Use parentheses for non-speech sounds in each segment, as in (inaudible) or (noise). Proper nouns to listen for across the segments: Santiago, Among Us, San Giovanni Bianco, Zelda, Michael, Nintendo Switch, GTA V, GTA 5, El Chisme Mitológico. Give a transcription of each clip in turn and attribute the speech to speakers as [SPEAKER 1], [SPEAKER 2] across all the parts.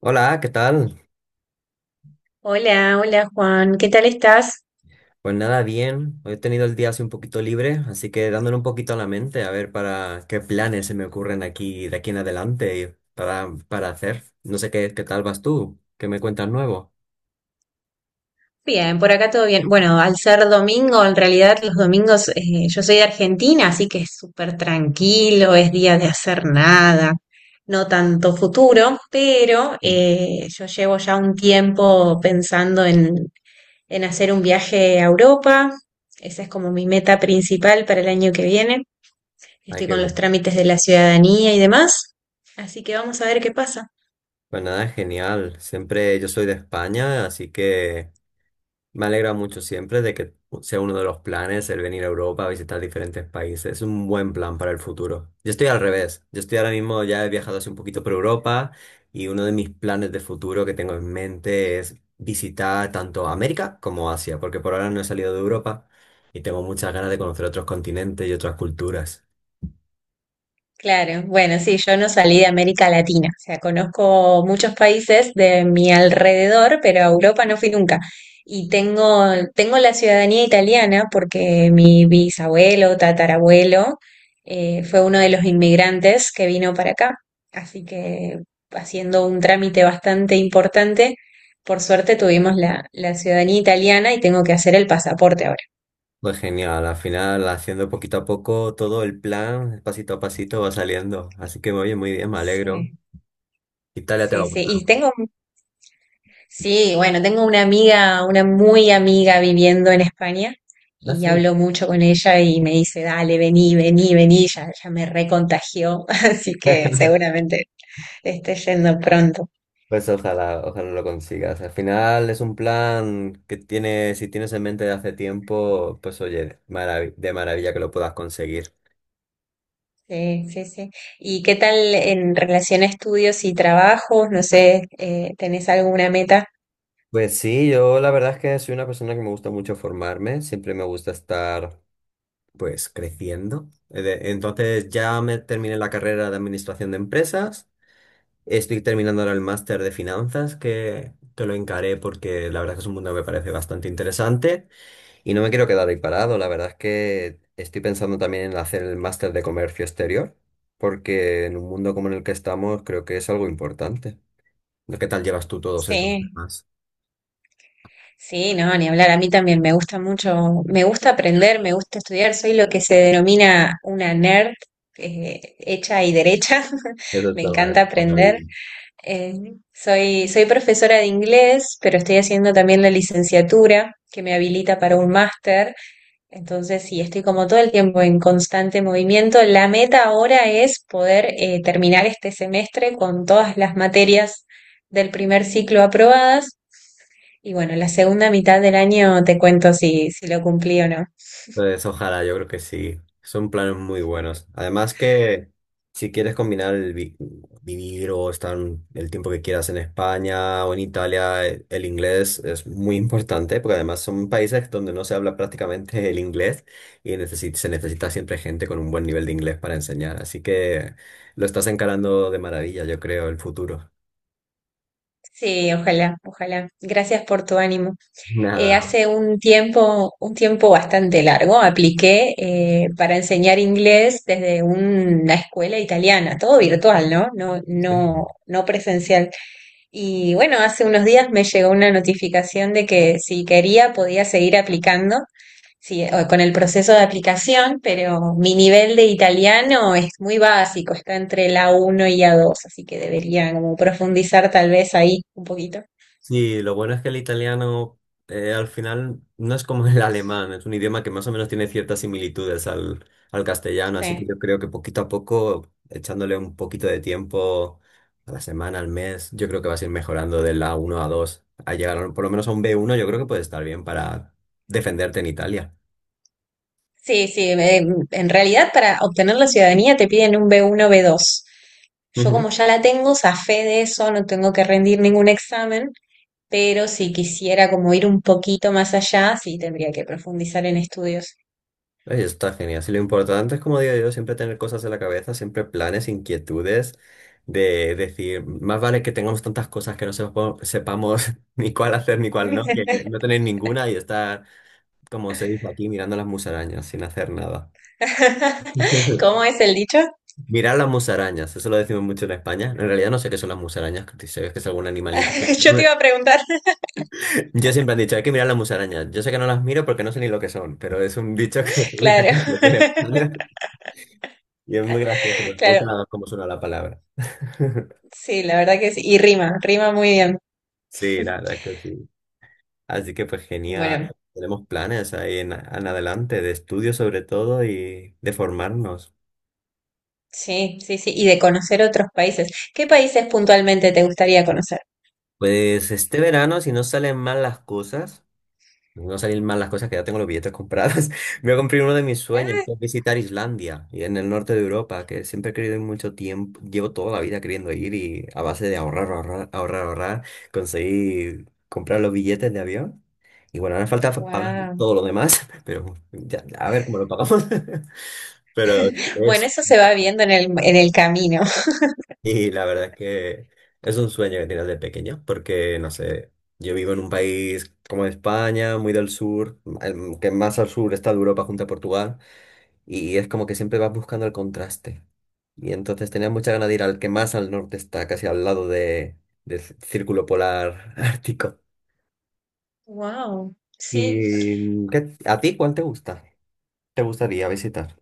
[SPEAKER 1] Hola, ¿qué tal?
[SPEAKER 2] Hola, hola Juan, ¿qué tal estás?
[SPEAKER 1] Pues nada, bien. Hoy he tenido el día así un poquito libre, así que dándole un poquito a la mente a ver para qué planes se me ocurren aquí de aquí en adelante y para hacer. No sé qué tal vas tú, qué me cuentas nuevo.
[SPEAKER 2] Bien, por acá todo bien. Bueno, al ser domingo, en realidad los domingos, yo soy de Argentina, así que es súper tranquilo, es día de hacer nada, no tanto futuro, pero
[SPEAKER 1] Ujú.
[SPEAKER 2] yo llevo ya un tiempo en hacer un viaje a Europa. Esa es como mi meta principal para el año que viene.
[SPEAKER 1] Ay,
[SPEAKER 2] Estoy
[SPEAKER 1] qué
[SPEAKER 2] con los
[SPEAKER 1] bueno.
[SPEAKER 2] trámites de la ciudadanía y demás, así que vamos a ver qué pasa.
[SPEAKER 1] Pues nada, genial. Siempre yo soy de España, así que me alegra mucho siempre de que sea uno de los planes el venir a Europa a visitar diferentes países. Es un buen plan para el futuro. Yo estoy al revés. Yo estoy ahora mismo, ya he viajado hace un poquito por Europa y uno de mis planes de futuro que tengo en mente es visitar tanto América como Asia, porque por ahora no he salido de Europa y tengo muchas ganas de conocer otros continentes y otras culturas.
[SPEAKER 2] Claro, bueno, sí, yo no salí de América Latina, o sea, conozco muchos países de mi alrededor, pero a Europa no fui nunca. Y tengo, tengo la ciudadanía italiana porque mi bisabuelo, tatarabuelo, fue uno de los inmigrantes que vino para acá. Así que haciendo un trámite bastante importante, por suerte tuvimos la ciudadanía italiana y tengo que hacer el pasaporte ahora.
[SPEAKER 1] Pues genial, al final haciendo poquito a poco todo el plan, pasito a pasito va saliendo. Así que oye, muy bien, me alegro.
[SPEAKER 2] Sí,
[SPEAKER 1] Italia te va
[SPEAKER 2] sí,
[SPEAKER 1] a
[SPEAKER 2] sí.
[SPEAKER 1] gustar
[SPEAKER 2] Y
[SPEAKER 1] mucho.
[SPEAKER 2] tengo, sí, bueno, tengo una amiga, una muy amiga viviendo en España
[SPEAKER 1] That's
[SPEAKER 2] y
[SPEAKER 1] it.
[SPEAKER 2] hablo mucho con ella y me dice, dale, vení, ya, ya me recontagió, (laughs) así
[SPEAKER 1] (laughs)
[SPEAKER 2] que seguramente esté yendo pronto.
[SPEAKER 1] Pues ojalá, ojalá lo consigas. Al final es un plan que tienes, si tienes en mente de hace tiempo, pues oye, de maravilla que lo puedas conseguir.
[SPEAKER 2] Sí, sí, sí. ¿Y qué tal en relación a estudios y trabajos? No sé, ¿tenés alguna meta?
[SPEAKER 1] Pues sí, yo la verdad es que soy una persona que me gusta mucho formarme, siempre me gusta estar pues creciendo. Entonces ya me terminé la carrera de administración de empresas, estoy terminando ahora el máster de finanzas que lo encaré porque la verdad es que es un mundo que me parece bastante interesante. Y no me quiero quedar ahí parado, la verdad es que estoy pensando también en hacer el máster de comercio exterior, porque en un mundo como en el que estamos creo que es algo importante. ¿Qué tal llevas tú todos esos
[SPEAKER 2] Sí.
[SPEAKER 1] temas?
[SPEAKER 2] Sí, no, ni hablar. A mí también me gusta mucho, me gusta aprender, me gusta estudiar. Soy lo que se denomina una nerd, hecha y derecha. (laughs)
[SPEAKER 1] Eso
[SPEAKER 2] Me
[SPEAKER 1] está
[SPEAKER 2] encanta
[SPEAKER 1] maravilloso,
[SPEAKER 2] aprender.
[SPEAKER 1] David.
[SPEAKER 2] Eh, soy profesora de inglés, pero estoy haciendo también la licenciatura que me habilita para un máster. Entonces, sí, estoy como todo el tiempo en constante movimiento. La meta ahora es poder terminar este semestre con todas las materias del primer ciclo aprobadas y bueno, la segunda mitad del año te cuento si, si lo cumplí o no.
[SPEAKER 1] Pues ojalá, yo creo que sí. Son planes muy buenos. Además que si quieres combinar el vivir o estar el tiempo que quieras en España o en Italia, el inglés es muy importante porque además son países donde no se habla prácticamente el inglés y se necesita siempre gente con un buen nivel de inglés para enseñar. Así que lo estás encarando de maravilla, yo creo, el futuro.
[SPEAKER 2] Sí, ojalá, ojalá. Gracias por tu ánimo.
[SPEAKER 1] Nada.
[SPEAKER 2] Hace un tiempo bastante largo, apliqué para enseñar inglés desde una escuela italiana, todo virtual, ¿no? No,
[SPEAKER 1] Sí.
[SPEAKER 2] no, no presencial. Y bueno, hace unos días me llegó una notificación de que si quería podía seguir aplicando, sí, o- con el proceso de aplicación, pero mi nivel de italiano es muy básico, está entre la uno y la 2, así que debería como profundizar tal vez ahí un poquito.
[SPEAKER 1] Sí, lo bueno es que el italiano al final no es como el alemán, es un idioma que más o menos tiene ciertas similitudes al castellano, así que
[SPEAKER 2] Sí.
[SPEAKER 1] yo creo que poquito a poco, echándole un poquito de tiempo a la semana, al mes, yo creo que vas a ir mejorando del a uno a 2, a por lo menos a un b uno. Yo creo que puede estar bien para defenderte en Italia.
[SPEAKER 2] Sí, sí, en realidad para obtener la ciudadanía te piden un b uno, b dos. Yo como ya la tengo, zafé de eso, no tengo que rendir ningún examen, pero si quisiera como ir un poquito más allá, sí tendría que profundizar en estudios.
[SPEAKER 1] Ay, está genial. Sí, lo importante es, como digo yo, siempre tener cosas en la cabeza, siempre planes, inquietudes, de decir, más vale que tengamos tantas cosas que no sepamos (laughs) ni cuál hacer ni cuál no, que
[SPEAKER 2] (laughs)
[SPEAKER 1] no tener ninguna y estar, como se dice aquí, mirando las musarañas sin hacer nada.
[SPEAKER 2] ¿Cómo
[SPEAKER 1] (laughs)
[SPEAKER 2] es el dicho?
[SPEAKER 1] Mirar las musarañas, eso lo decimos mucho en España. En realidad no sé qué son las musarañas, que si sabes que es algún animalito.
[SPEAKER 2] (laughs) Yo te iba a
[SPEAKER 1] (laughs)
[SPEAKER 2] preguntar.
[SPEAKER 1] Yo siempre han dicho, hay que mirar las musarañas. Yo sé que no las miro porque no sé ni lo que son, pero es un dicho que (laughs) se dice
[SPEAKER 2] Claro,
[SPEAKER 1] mucho aquí en
[SPEAKER 2] (laughs)
[SPEAKER 1] España. Y es muy gracioso, porque me
[SPEAKER 2] claro,
[SPEAKER 1] gusta cómo suena la palabra. (laughs)
[SPEAKER 2] sí, la verdad que sí. Y rima, rima muy bien.
[SPEAKER 1] Sí, la verdad que sí. Así que pues
[SPEAKER 2] Bueno,
[SPEAKER 1] genial. Tenemos planes ahí en adelante, de estudio sobre todo y de formarnos.
[SPEAKER 2] sí, sí, sí. Y de conocer otros países. ¿Qué países puntualmente te gustaría conocer?
[SPEAKER 1] Pues este verano, si no salen mal las cosas. No salir mal las cosas que ya tengo los billetes comprados. (laughs) Voy a cumplir uno de mis sueños,
[SPEAKER 2] Ah,
[SPEAKER 1] que es visitar Islandia y en el norte de Europa, que siempre he querido ir mucho tiempo. Llevo toda la vida queriendo ir y a base de ahorrar, conseguí comprar los billetes de avión. Y bueno, ahora falta pagar
[SPEAKER 2] wow.
[SPEAKER 1] todo lo demás, (laughs) pero ya, a ver cómo lo pagamos. (laughs) Pero
[SPEAKER 2] Bueno, eso se va viendo en en el camino. (laughs)
[SPEAKER 1] y la verdad es que es un sueño que tienes de pequeño, porque no sé, yo vivo en un país como España, muy del sur, el que más al sur está de Europa junto a Portugal, y es como que siempre vas buscando el contraste. Y entonces tenía mucha ganas de ir al que más al norte está, casi al lado del círculo polar (laughs) ártico.
[SPEAKER 2] Wow, sí.
[SPEAKER 1] ¿Y a ti cuál te gusta? ¿Te gustaría visitar?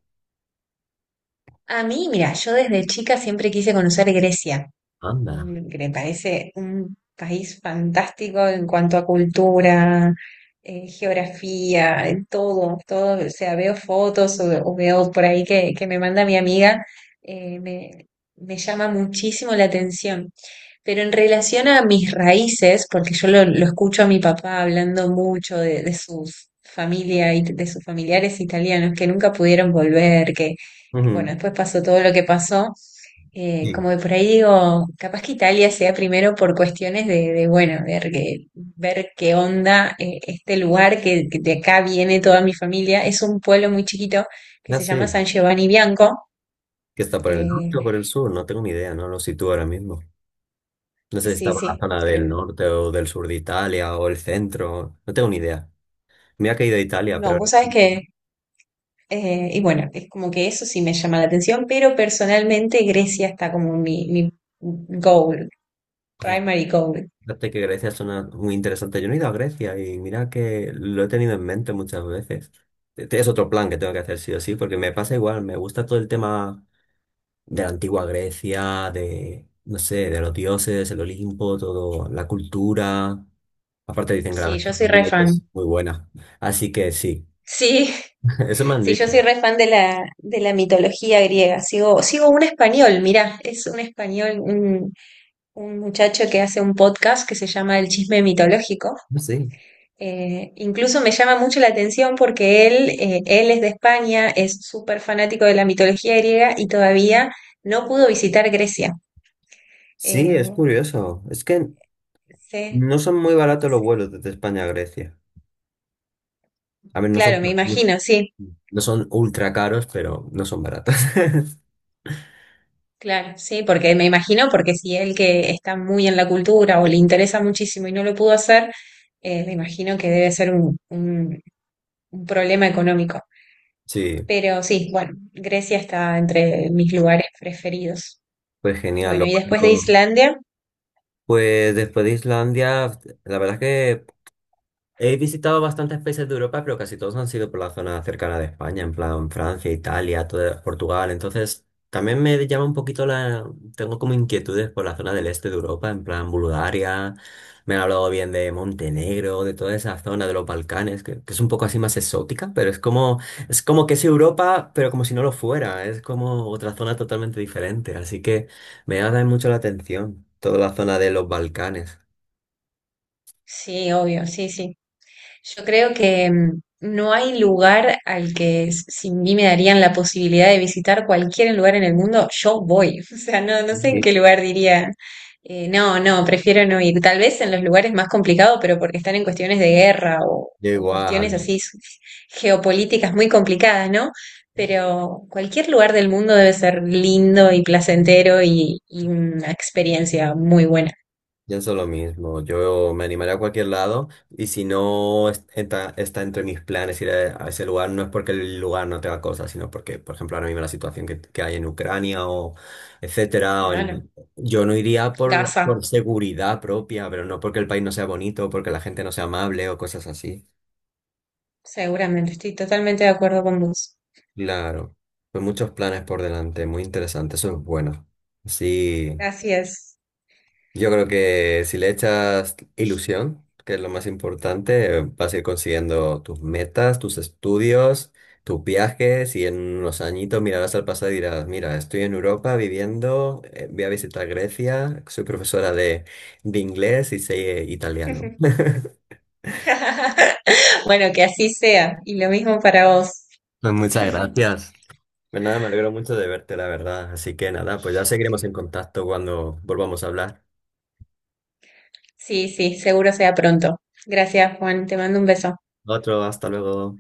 [SPEAKER 2] A mí, mira, yo desde chica siempre quise conocer Grecia.
[SPEAKER 1] Anda.
[SPEAKER 2] Mm, que me parece un país fantástico en cuanto a cultura, geografía, en todo, todo, o sea, veo fotos o veo por ahí que me manda mi amiga, eh, me, me llama muchísimo la atención. Pero en relación a mis raíces, porque lo escucho a mi papá hablando mucho de sus familia y de sus familiares italianos que nunca pudieron volver, que bueno,
[SPEAKER 1] Ujú.
[SPEAKER 2] después pasó todo lo que pasó.
[SPEAKER 1] Sí,
[SPEAKER 2] Como de por ahí digo, capaz que Italia sea primero por cuestiones bueno, ver qué onda este lugar que de acá viene toda mi familia. Es un pueblo muy chiquito que
[SPEAKER 1] ya
[SPEAKER 2] se llama
[SPEAKER 1] sé.
[SPEAKER 2] San Giovanni Bianco.
[SPEAKER 1] ¿Que está por el
[SPEAKER 2] Eh,
[SPEAKER 1] norte o por el sur? No tengo ni idea, no lo sitúo ahora mismo. No sé si está
[SPEAKER 2] sí,
[SPEAKER 1] por la
[SPEAKER 2] sí,
[SPEAKER 1] zona del
[SPEAKER 2] creo.
[SPEAKER 1] norte o del sur de Italia o el centro. No tengo ni idea. Me ha caído a Italia, pero
[SPEAKER 2] No, vos
[SPEAKER 1] ahora
[SPEAKER 2] sabés que,
[SPEAKER 1] mismo,
[SPEAKER 2] y bueno, es como que eso sí me llama la atención, pero personalmente Grecia está como mi goal,
[SPEAKER 1] pues,
[SPEAKER 2] primary goal.
[SPEAKER 1] fíjate que Grecia suena muy interesante. Yo no he ido a Grecia y mira que lo he tenido en mente muchas veces. Este es otro plan que tengo que hacer sí o sí, porque me pasa igual. Me gusta todo el tema de la antigua Grecia, de, no sé, de los dioses, el Olimpo, todo, la cultura. Aparte dicen que la
[SPEAKER 2] Sí, yo soy re
[SPEAKER 1] gastronomía es
[SPEAKER 2] fan.
[SPEAKER 1] muy buena. Así que sí,
[SPEAKER 2] Sí,
[SPEAKER 1] (laughs) eso me han
[SPEAKER 2] sí,
[SPEAKER 1] dicho.
[SPEAKER 2] yo soy re fan de de la mitología griega. Sigo un español, mirá, es un español, un muchacho que hace un podcast que se llama El Chisme Mitológico.
[SPEAKER 1] Sí.
[SPEAKER 2] Incluso me llama mucho la atención porque él, él es de España, es súper fanático de la mitología griega y todavía no pudo visitar Grecia.
[SPEAKER 1] Sí, es
[SPEAKER 2] Eh,
[SPEAKER 1] curioso. Es que
[SPEAKER 2] sí,
[SPEAKER 1] no son muy baratos los
[SPEAKER 2] sí.
[SPEAKER 1] vuelos desde España a Grecia. A ver,
[SPEAKER 2] Claro, me
[SPEAKER 1] no
[SPEAKER 2] imagino, sí.
[SPEAKER 1] no son ultra caros, pero no son baratos. (laughs)
[SPEAKER 2] Claro, sí, porque me imagino, porque si él que está muy en la cultura o le interesa muchísimo y no lo pudo hacer, me imagino que debe ser un problema económico.
[SPEAKER 1] Sí,
[SPEAKER 2] Pero sí, bueno, Grecia está entre mis lugares preferidos.
[SPEAKER 1] pues genial.
[SPEAKER 2] Bueno,
[SPEAKER 1] Lo
[SPEAKER 2] y después de
[SPEAKER 1] bueno.
[SPEAKER 2] Islandia,
[SPEAKER 1] Pues después de Islandia, la verdad es que he visitado bastantes países de Europa, pero casi todos han sido por la zona cercana de España, en plan Francia, Italia, Portugal. Entonces, también me llama un poquito la... Tengo como inquietudes por la zona del este de Europa, en plan Bulgaria. Me han hablado bien de Montenegro, de toda esa zona de los Balcanes, que es un poco así más exótica, pero es como que es Europa, pero como si no lo fuera. Es como otra zona totalmente diferente. Así que me llama mucho la atención toda la zona de los Balcanes.
[SPEAKER 2] sí, obvio, sí, sí. Yo creo que mm, no hay lugar al que s- si a mí me darían la posibilidad de visitar cualquier lugar en el mundo, yo voy. (laughs) O sea, no, no sé en qué
[SPEAKER 1] Ujú.
[SPEAKER 2] lugar diría, no, no, prefiero no ir. Tal vez en los lugares más complicados, pero porque están en cuestiones de guerra
[SPEAKER 1] Yo
[SPEAKER 2] o cuestiones
[SPEAKER 1] igual.
[SPEAKER 2] así s- geopolíticas muy complicadas, ¿no? Pero cualquier lugar del mundo debe ser lindo y placentero y una experiencia muy buena.
[SPEAKER 1] Pienso lo mismo, yo me animaré a cualquier lado y si no está, está entre mis planes ir a ese lugar, no es porque el lugar no tenga cosas, sino porque, por ejemplo, ahora mismo la situación que hay en Ucrania o etcétera,
[SPEAKER 2] Claro.
[SPEAKER 1] yo no iría por,
[SPEAKER 2] Gaza,
[SPEAKER 1] por seguridad propia, pero no porque el país no sea bonito, porque la gente no sea amable o cosas así.
[SPEAKER 2] seguramente, estoy totalmente de acuerdo con vos.
[SPEAKER 1] Claro, pues muchos planes por delante, muy interesante, eso es bueno. Sí.
[SPEAKER 2] Así es.
[SPEAKER 1] Yo creo que si le echas ilusión, que es lo más importante, vas a ir consiguiendo tus metas, tus estudios, tus viajes y en unos añitos mirarás al pasado y dirás, mira, estoy en Europa viviendo, voy a visitar Grecia, soy profesora de inglés y sé italiano. (laughs)
[SPEAKER 2] (laughs) Bueno, que así sea. Y lo mismo para vos.
[SPEAKER 1] Pues muchas
[SPEAKER 2] (laughs)
[SPEAKER 1] gracias. Pues nada, me alegro mucho de verte, la verdad. Así que nada, pues ya seguiremos en contacto cuando volvamos a hablar.
[SPEAKER 2] Sí, sí, seguro sea pronto. Gracias, Juan. Te mando un beso.
[SPEAKER 1] Otro, hasta luego.